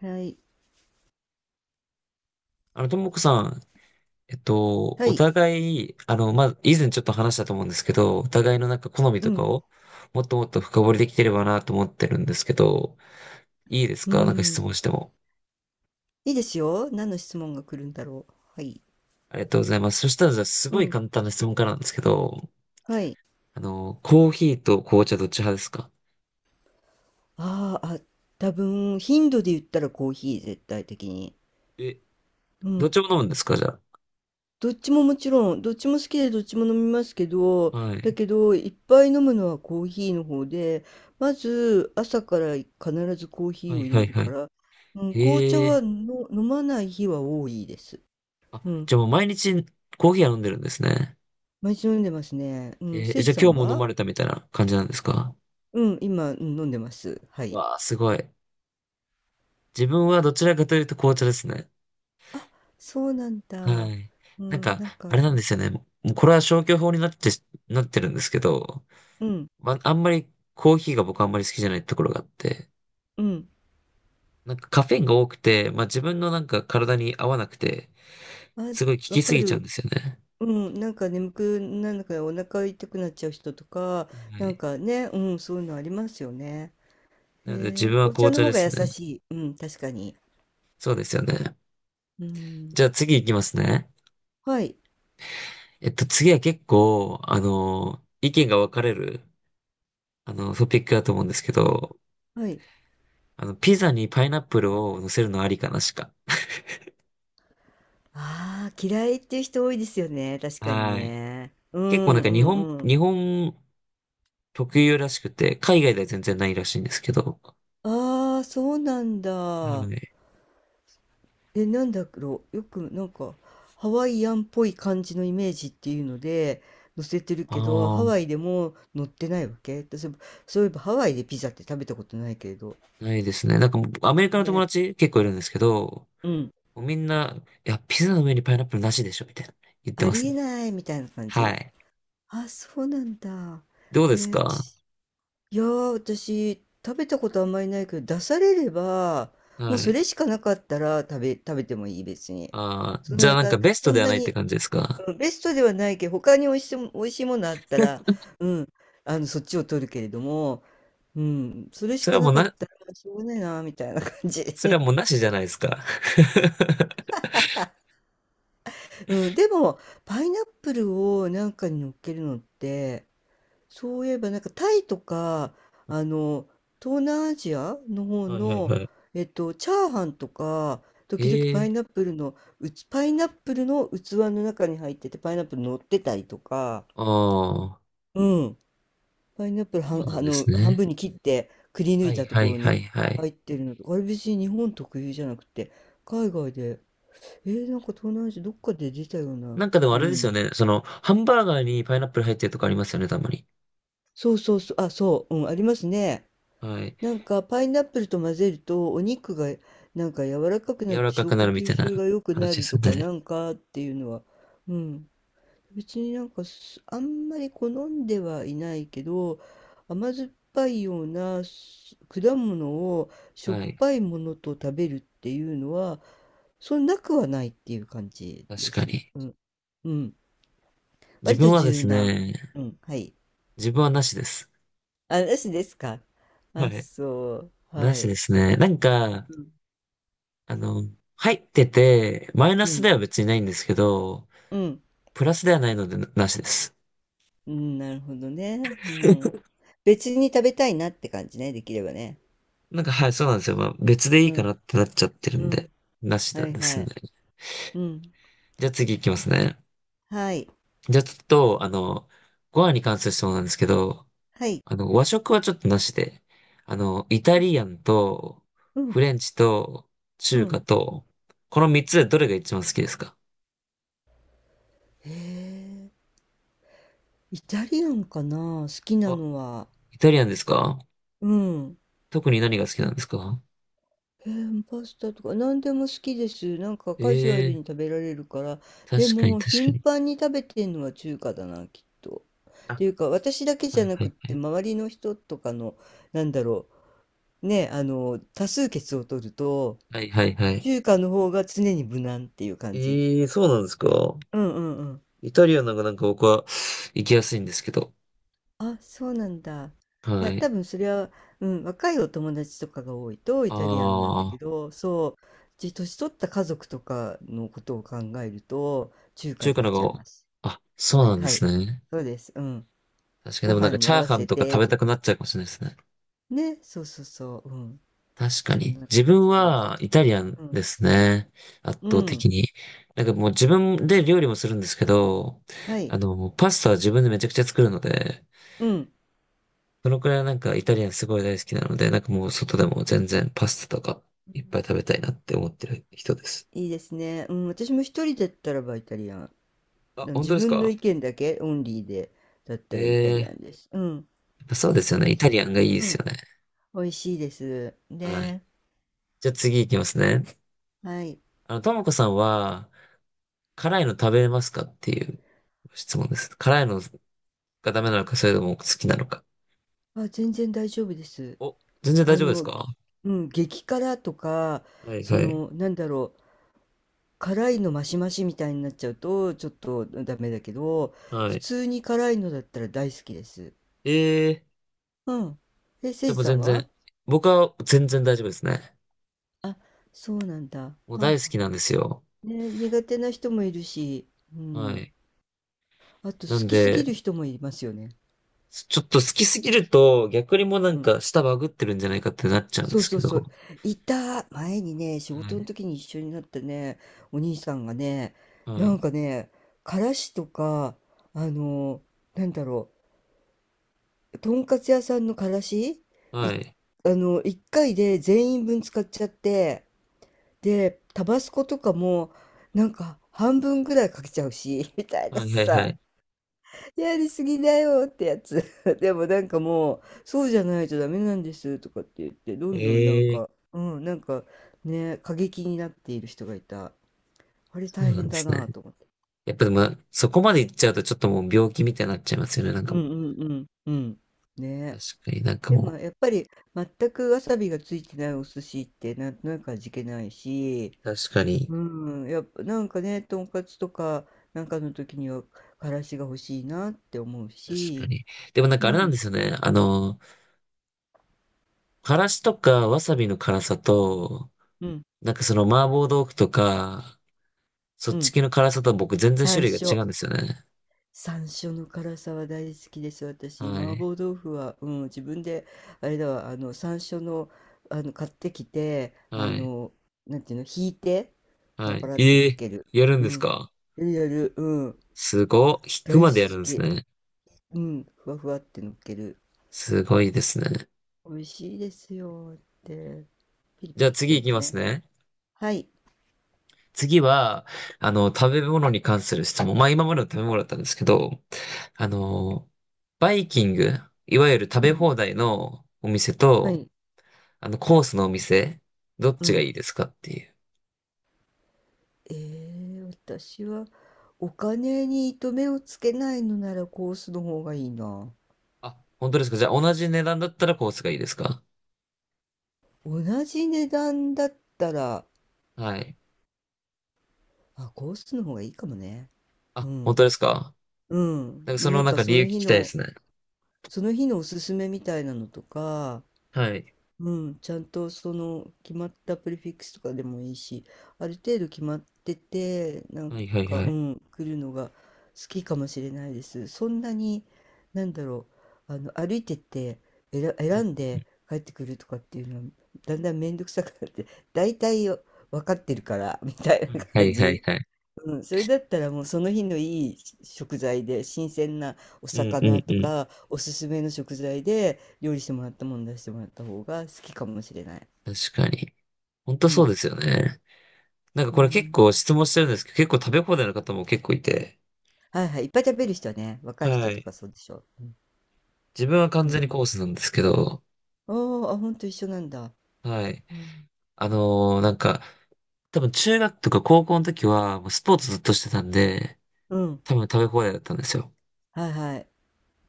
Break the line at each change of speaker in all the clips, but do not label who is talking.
はい。
ともこさん、
は
お
い。
互い、以前ちょっと話したと思うんですけど、お互いの好み
う
とか
ん。
を、もっともっと深掘りできてればなと思ってるんですけど、いいです
う
か、なんか質
ん。
問しても。
いいですよ。何の質問が来るんだろう。はい。
ありがとうございます。そしたら、じゃあ、す
う
ごい
ん。
簡単な質問からなんですけど、
はい。
コーヒーと紅茶どっち派ですか？
ああ、あ、多分、頻度で言ったらコーヒー、絶対的に。
え、
う
どっ
ん。
ちも飲むんですか、じゃ
どっちももちろん、どっちも好きでどっちも飲みますけ
あ。
ど、
は
だ
い。
けど、いっぱい飲むのはコーヒーの方で、まず、朝から必ずコーヒ
は
ー
い
を入
は
れ
い
る
は
か
い。
ら、うん、紅茶
へえ。
はの飲まない日は多いです。
あ、
うん。
じゃあもう毎日コーヒーは飲んでるんですね。
毎日飲んでますね。うん。せい
じ
じ
ゃあ
さ
今
ん
日も飲
は、
まれたみたいな感じなんですか？
うん、今、うん飲んでます。はい。
わあ、すごい。自分はどちらかというと紅茶ですね。
あ、そうなん
は
だ。
い。
う
なん
ん、
か、
なん
あれ
か、
なんですよね。もうこれは消去法になってるんですけど、
うん、
んまりコーヒーが僕あんまり好きじゃないところがあって、
うん。
カフェインが多くて、自分の体に合わなくて、
あ、
すごい効
わ
き
か
すぎちゃうんで
る。
すよね。
うん、なんか眠くなるからお腹痛くなっちゃう人とか、
は
なん
い。
かね、うん、そういうのありますよね。
なので自
えー、
分は
紅茶
紅
の
茶
方
で
が優
すね。
しい。うん、確かに。
そうですよね。
うん。
じゃあ次行きますね。
はい、
次は結構、意見が分かれる、トピックだと思うんですけど、
はい。
ピザにパイナップルを乗せるのありかなしか。
ああ、嫌いっていう人多いですよね。確かに
はい。
ね。
結構日本、
ん、う
日
ん。
本特有らしくて、海外では全然ないらしいんですけど。
ああ、そうなん
は
だ。
い。
え、なんだろう、よくなんかハワイアンっぽい感じのイメージっていうので載せてるけど、
あ
ハ
あ、
ワイでも載ってないわけ私、そういえばハワイでピザって食べたことないけれど。
ないですね。もうアメリカの友
ね、
達結構いるんですけど、
うん。
もうみんな、いや、ピザの上にパイナップルなしでしょ、みたいな言って
あ
ます
りえ
ね。
ないみたいな感
は
じ。
い。
あ、そうなんだ。
どうです
えー、
か？
私いやー、私、食べたことあんまりないけど、出されれば、もう
は
そ
い。
れしかなかったら食べてもいい、別に。
ああ、
そ
じ
ん
ゃあ
な、
ベスト
そ
で
ん
は
な
ないっ
に、
て感じですか？
うんベストではないけど、他に美味しいものあったら、うん、あの、そっちを取るけれども、うん、それし
それ
か
はも
な
う
かっ
な、
たら、しょうがないな、みたいな感じ
それは
で。
もうなしじゃないですか。
うん、でも、パイナップルをなんかに乗っけるのって、そういえば、なんかタイとか、あの、東南アジアの方
はいはい
の、
はい。
チャーハンとか、時々
ええ。
パイナップルの器の中に入ってて、パイナップル乗ってたりとか、
ああ。
うん。パイナップル
そ
は
う
ん、
な
あ
んで
の、
す
半
ね。
分に切ってくり抜
は
い
い
たと
は
こ
い
ろ
は
に
いはい。
入ってるのとか、あれ別に日本特有じゃなくて、海外で、えー、なんか東南アジアどっかで出たような、
でもあ
う
れですよ
ん。
ね。ハンバーガーにパイナップル入ってるとかありますよね、たまに。
ありますね。
はい。
なんかパイナップルと混ぜるとお肉がなんか柔らかくなっ
柔
て
らか
消
くな
化
るみ
吸
たいな
収が良くな
話で
る
す
と
よ
かな
ね。
んかっていうのは、うん、別になんかあんまり好んではいないけど甘酸っぱいような果物をしょっ
はい。
ぱいものと食べるっていうのはそんなくはないっていう感じ
確
で
か
す。
に。
うん。うん。
自
割と
分はで
柔
す
軟。
ね、
うん。はい。
自分はなしです。
あ、なしですか。
は
あ、
い。
そう。
な
は
しで
い。
すね。
うん。
あの、入ってて、マイナス
う
では別にないんですけど、
ん。
プラスではないのでなしです。
うん。なるほどね。うん。別に食べたいなって感じね。できればね。
はい、そうなんですよ。別でい
う
いか
ん。
なってなっちゃってる
う
んで、
ん。
なし
は
なん
い
で
は
す
い。
ね。
うん。
じゃあ次行きますね。
はい。
じゃあちょっと、ご飯に関する質問なんですけど、
はい。
和食はちょっとなしで、イタリアンと、
う
フ
ん、
レンチと、
う
中
ん。
華と、この三つでどれが一番好きですか？
へえ、イタリアンかな、好きな
あ、
のは。
イタリアンですか？
うん。
特に何が好きな
で、
んですか？
えーパスタとか何でも好きです。なんかカジュアル
ええ
に食べられるから。
ー、
で
確かに
も、
確か
頻
に。
繁に食べてんのは中華だな、きっと。っ
あ、
ていうか、私だけじ
は
ゃ
い
な
は
くっ
いは
て、
い。
周りの人とかの、なんだろね、あの、多数決を取ると、
はいはいはい。
中華の方が常に無難っていう感じ。
ええー、そうなんですか？
うんうんうん。
イタリアンの方が僕は行きやすいんですけど。
あ、そうなんだ。い
は
や、多
い。
分それは、うん、若いお友達とかが多いとイタリアンなんだけ
ああ、
ど、そう、年取った家族とかのことを考えると、中華
中
に
華
なっ
の
ちゃ
方
い
が、
ます。
あ、そう
おい、
なんで
は
す
い。
ね。
そうです。うん。
確かに
ご
でも
飯に
チ
合
ャー
わ
ハン
せ
とか食
て
べ
と
たく
か。
なっちゃうかもしれないですね。
ね、そうそうそう。うん。
確か
そん
に。
な
自
感
分
じです。
はイタリアン
うん。
ですね。圧
う
倒
ん。
的に。もう自分で料理もするんですけど、
はい。
パスタは自分でめちゃくちゃ作るので、
うん。
そのくらいイタリアンすごい大好きなので、もう外でも全然パスタとか
う
いっぱ
ん、
い食べたいなって思ってる人です。
いいですね。うん。私も一人だったらばイタリアン。
あ、
でも
本
自
当です
分の
か？
意見だけオンリーでだったらイタリア
え
ン
え
です。うん。
ー、そうで
好
す
き
よね。
で
イタ
す。
リアンがいいで
う
す
ん、
よね。
美味しいです。
はい。
ね、
じゃあ次行きますね。
はい。
ともこさんは、辛いの食べれますかっていう質問です。辛いのがダメなのか、それとも好きなのか。
あ、全然大丈夫です。
お、全然大
あ
丈夫です
の、
か？
うん、激辛とか、
はい
そ
はい。
の、なんだろう、辛いのマシマシみたいになっちゃうと、ちょっとダメだけど、
は
普
い。
通に辛いのだったら大好きです。
ええ
うん。え、
ー、
せ
で
いじ
も
さん
全
は、
然、僕は全然大丈夫ですね。
あ、そうなんだ。は
もう
あ
大好
は
きなんですよ。
あ、ね、苦手な人もいるし、う
は
ん。
い。
あと、
な
好
ん
きすぎ
で、
る人もいますよね。
ちょっと好きすぎると、逆にもう
うん、
舌バグってるんじゃないかってなっちゃうんで
そう
す
そ
け
う
ど。
そう。いた。前にね、仕
は
事の
い。
時に一緒になったね、お兄さんがね、
は
なん
い。
かね、からしとか、あの、なんだろとんかつ屋さんのからし、
は
い、
い。
あの、一回で全員分使っちゃって、で、タバスコとかも、なんか半分ぐらいかけちゃうし、みたいな
はいはいは
さ。
い。
やりすぎだよってやつ。でもなんかもう、そうじゃないとダメなんですとかって言って、どんどんなん
ええー、
か、うん、なんかね、過激になっている人がいた。あれ
そう
大
なん
変
で
だ
すね。
なと思って。
やっぱでも、そこまで行っちゃうとちょっともう病気みたいになっちゃいますよね。
うんうんうんうん。
確
ね。
かになんか
でも
も
やっぱり全くわさびがついてないお寿司ってなんとなく味気ないし、
う、確かに、
うん、やっぱなんかね、とんかつとかなんかの時にはからしが欲しいなって思う
確か
し、
に。でも
う
あれなん
ん
ですよね。からしとかわさびの辛さと、
うん
麻婆豆腐とか、そ
う
っち
ん。
系の辛さと僕全然種
山
類が違
椒。
うんですよね。
山椒の辛さは大好きです。私、
は
麻
い。
婆豆腐は、うん、自分で、あれだわ、あの、山椒の、あの、買ってきて、あ
はい。
の、なんていうの、ひいて、パ
は
ラパ
い。
ラって
え
か
え、
ける。
やるん
う
です
ん。
か？
やるやる、うん。
すごっ。引く
大
ま
好
でやるんです
き。
ね。
うん。ふわふわってのっける。
すごいですね。
美味しいですよって。ピリ
じ
ピ
ゃあ
リす
次
るや
行き
つ
ます
ね。
ね。
はい。
次は、食べ物に関する質問。今までの食べ物だったんですけど、あの、バイキング、いわゆる食
う
べ
ん。
放題のお店
は
と、
い。
コースのお店、どっ
う
ちが
ん。
いいですかっていう。
えー、私は、お金に糸目をつけないのならコースの方がいいな。
あ、本当ですか？じゃあ、同じ値段だったらコースがいいですか？
同じ値段だったら、
はい。
あ、コースの方がいいかもね。う
あ、本
ん。
当ですか？
うん。もうなんかそ
理由
の
聞
日
きたいで
の、
すね。
その日のおすすめみたいなのとか、
はい。
うん、ちゃんとその決まったプレフィックスとかでもいいし、ある程度決まってて、なん
はいはい
か、
は
う
い。
ん、来るのが好きかもしれないです。そんなに、なんだろう、あの、歩いてって
うん、
選んで帰ってくるとかっていうのは、だんだん面倒くさくなって、大体分かってるから、みたいな
は
感
いはい
じ。
はい。
うん、それだったらもうその日のいい食材で新鮮なお
うんう
魚
んう
と
ん。
かおすすめの食材で料理してもらったもの出してもらった方が好きかもしれない。
確かに。本当
う
そう
ん。
ですよね。
う
これ結
ん。
構質問してるんですけど、結構食べ放題の方も結構いて、
はいはい。いっぱい食べる人はね、若い
は
人と
い。
かそうでしょ。うん。
自分は完
う
全にコ
ん、
ースなんですけど、
あーあ、ほんと一緒なんだ。
はい。
うん。
あのーなんか、多分中学とか高校の時は、もうスポーツずっとしてたんで、
うん。
多分食べ放題だったんですよ。
はいはい。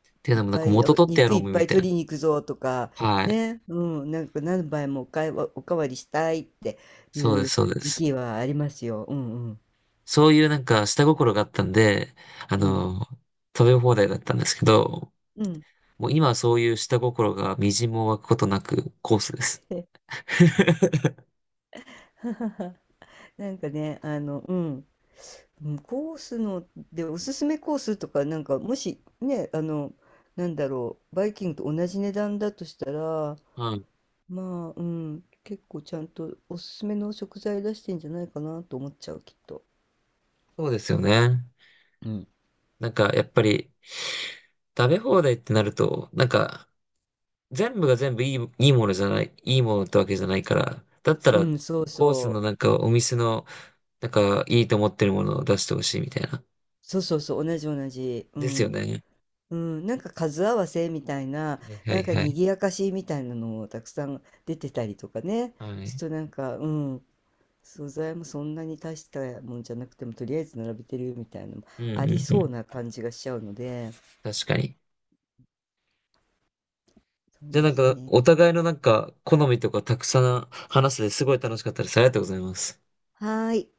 っていう
いっ
のも
ぱい、
元
お
取ってや
肉
ろ
い
う
っぱ
み
い
たい
取りに行くぞとか、
な。はい。
ね。うん。なんか何杯もおかわりしたいってい
そうです、
う
そうで
時
す。
期はありますよ。うんうん。
そういう下心があったんで、あ
うん。
のー食べ放題だったんですけど、
うん。
もう今はそういう下心が微塵も湧くことなくコースです。
なんかね、あの、うん、うんコースのでおすすめコースとか、なんかもしね、あの、なんだろう、バイキングと同じ値段だとしたら、
はい。
まあ、うん、結構ちゃんとおすすめの食材出してんじゃないかなと思っちゃう、きっと。
そうですよね。
うん。
やっぱり、食べ放題ってなると、全部が全部いいものじゃない、いいものってわけじゃないから、だった
う
ら、
ん、そう
コースの
そう。
お店の、いいと思ってるものを出してほしいみたいな。
そうそうそう、同じ同じ。う
ですよ
ん。
ね。
うん、なんか数合わせみたいな、
はいは
なん
い
か
はい。
賑やかしみたいなのもたくさん出てたりとかね。
は
ち
い。
ょっとなんか、うん。素材もそんなに大したもんじゃなくてもとりあえず並べてるみたいなのも
うんう
あり
んう
そう
ん。
な感じがしちゃうので、
確かに。
そう
じゃあ
ですね。
お互いの好みとかたくさん話せてすごい楽しかったです。ありがとうございます。
はーい。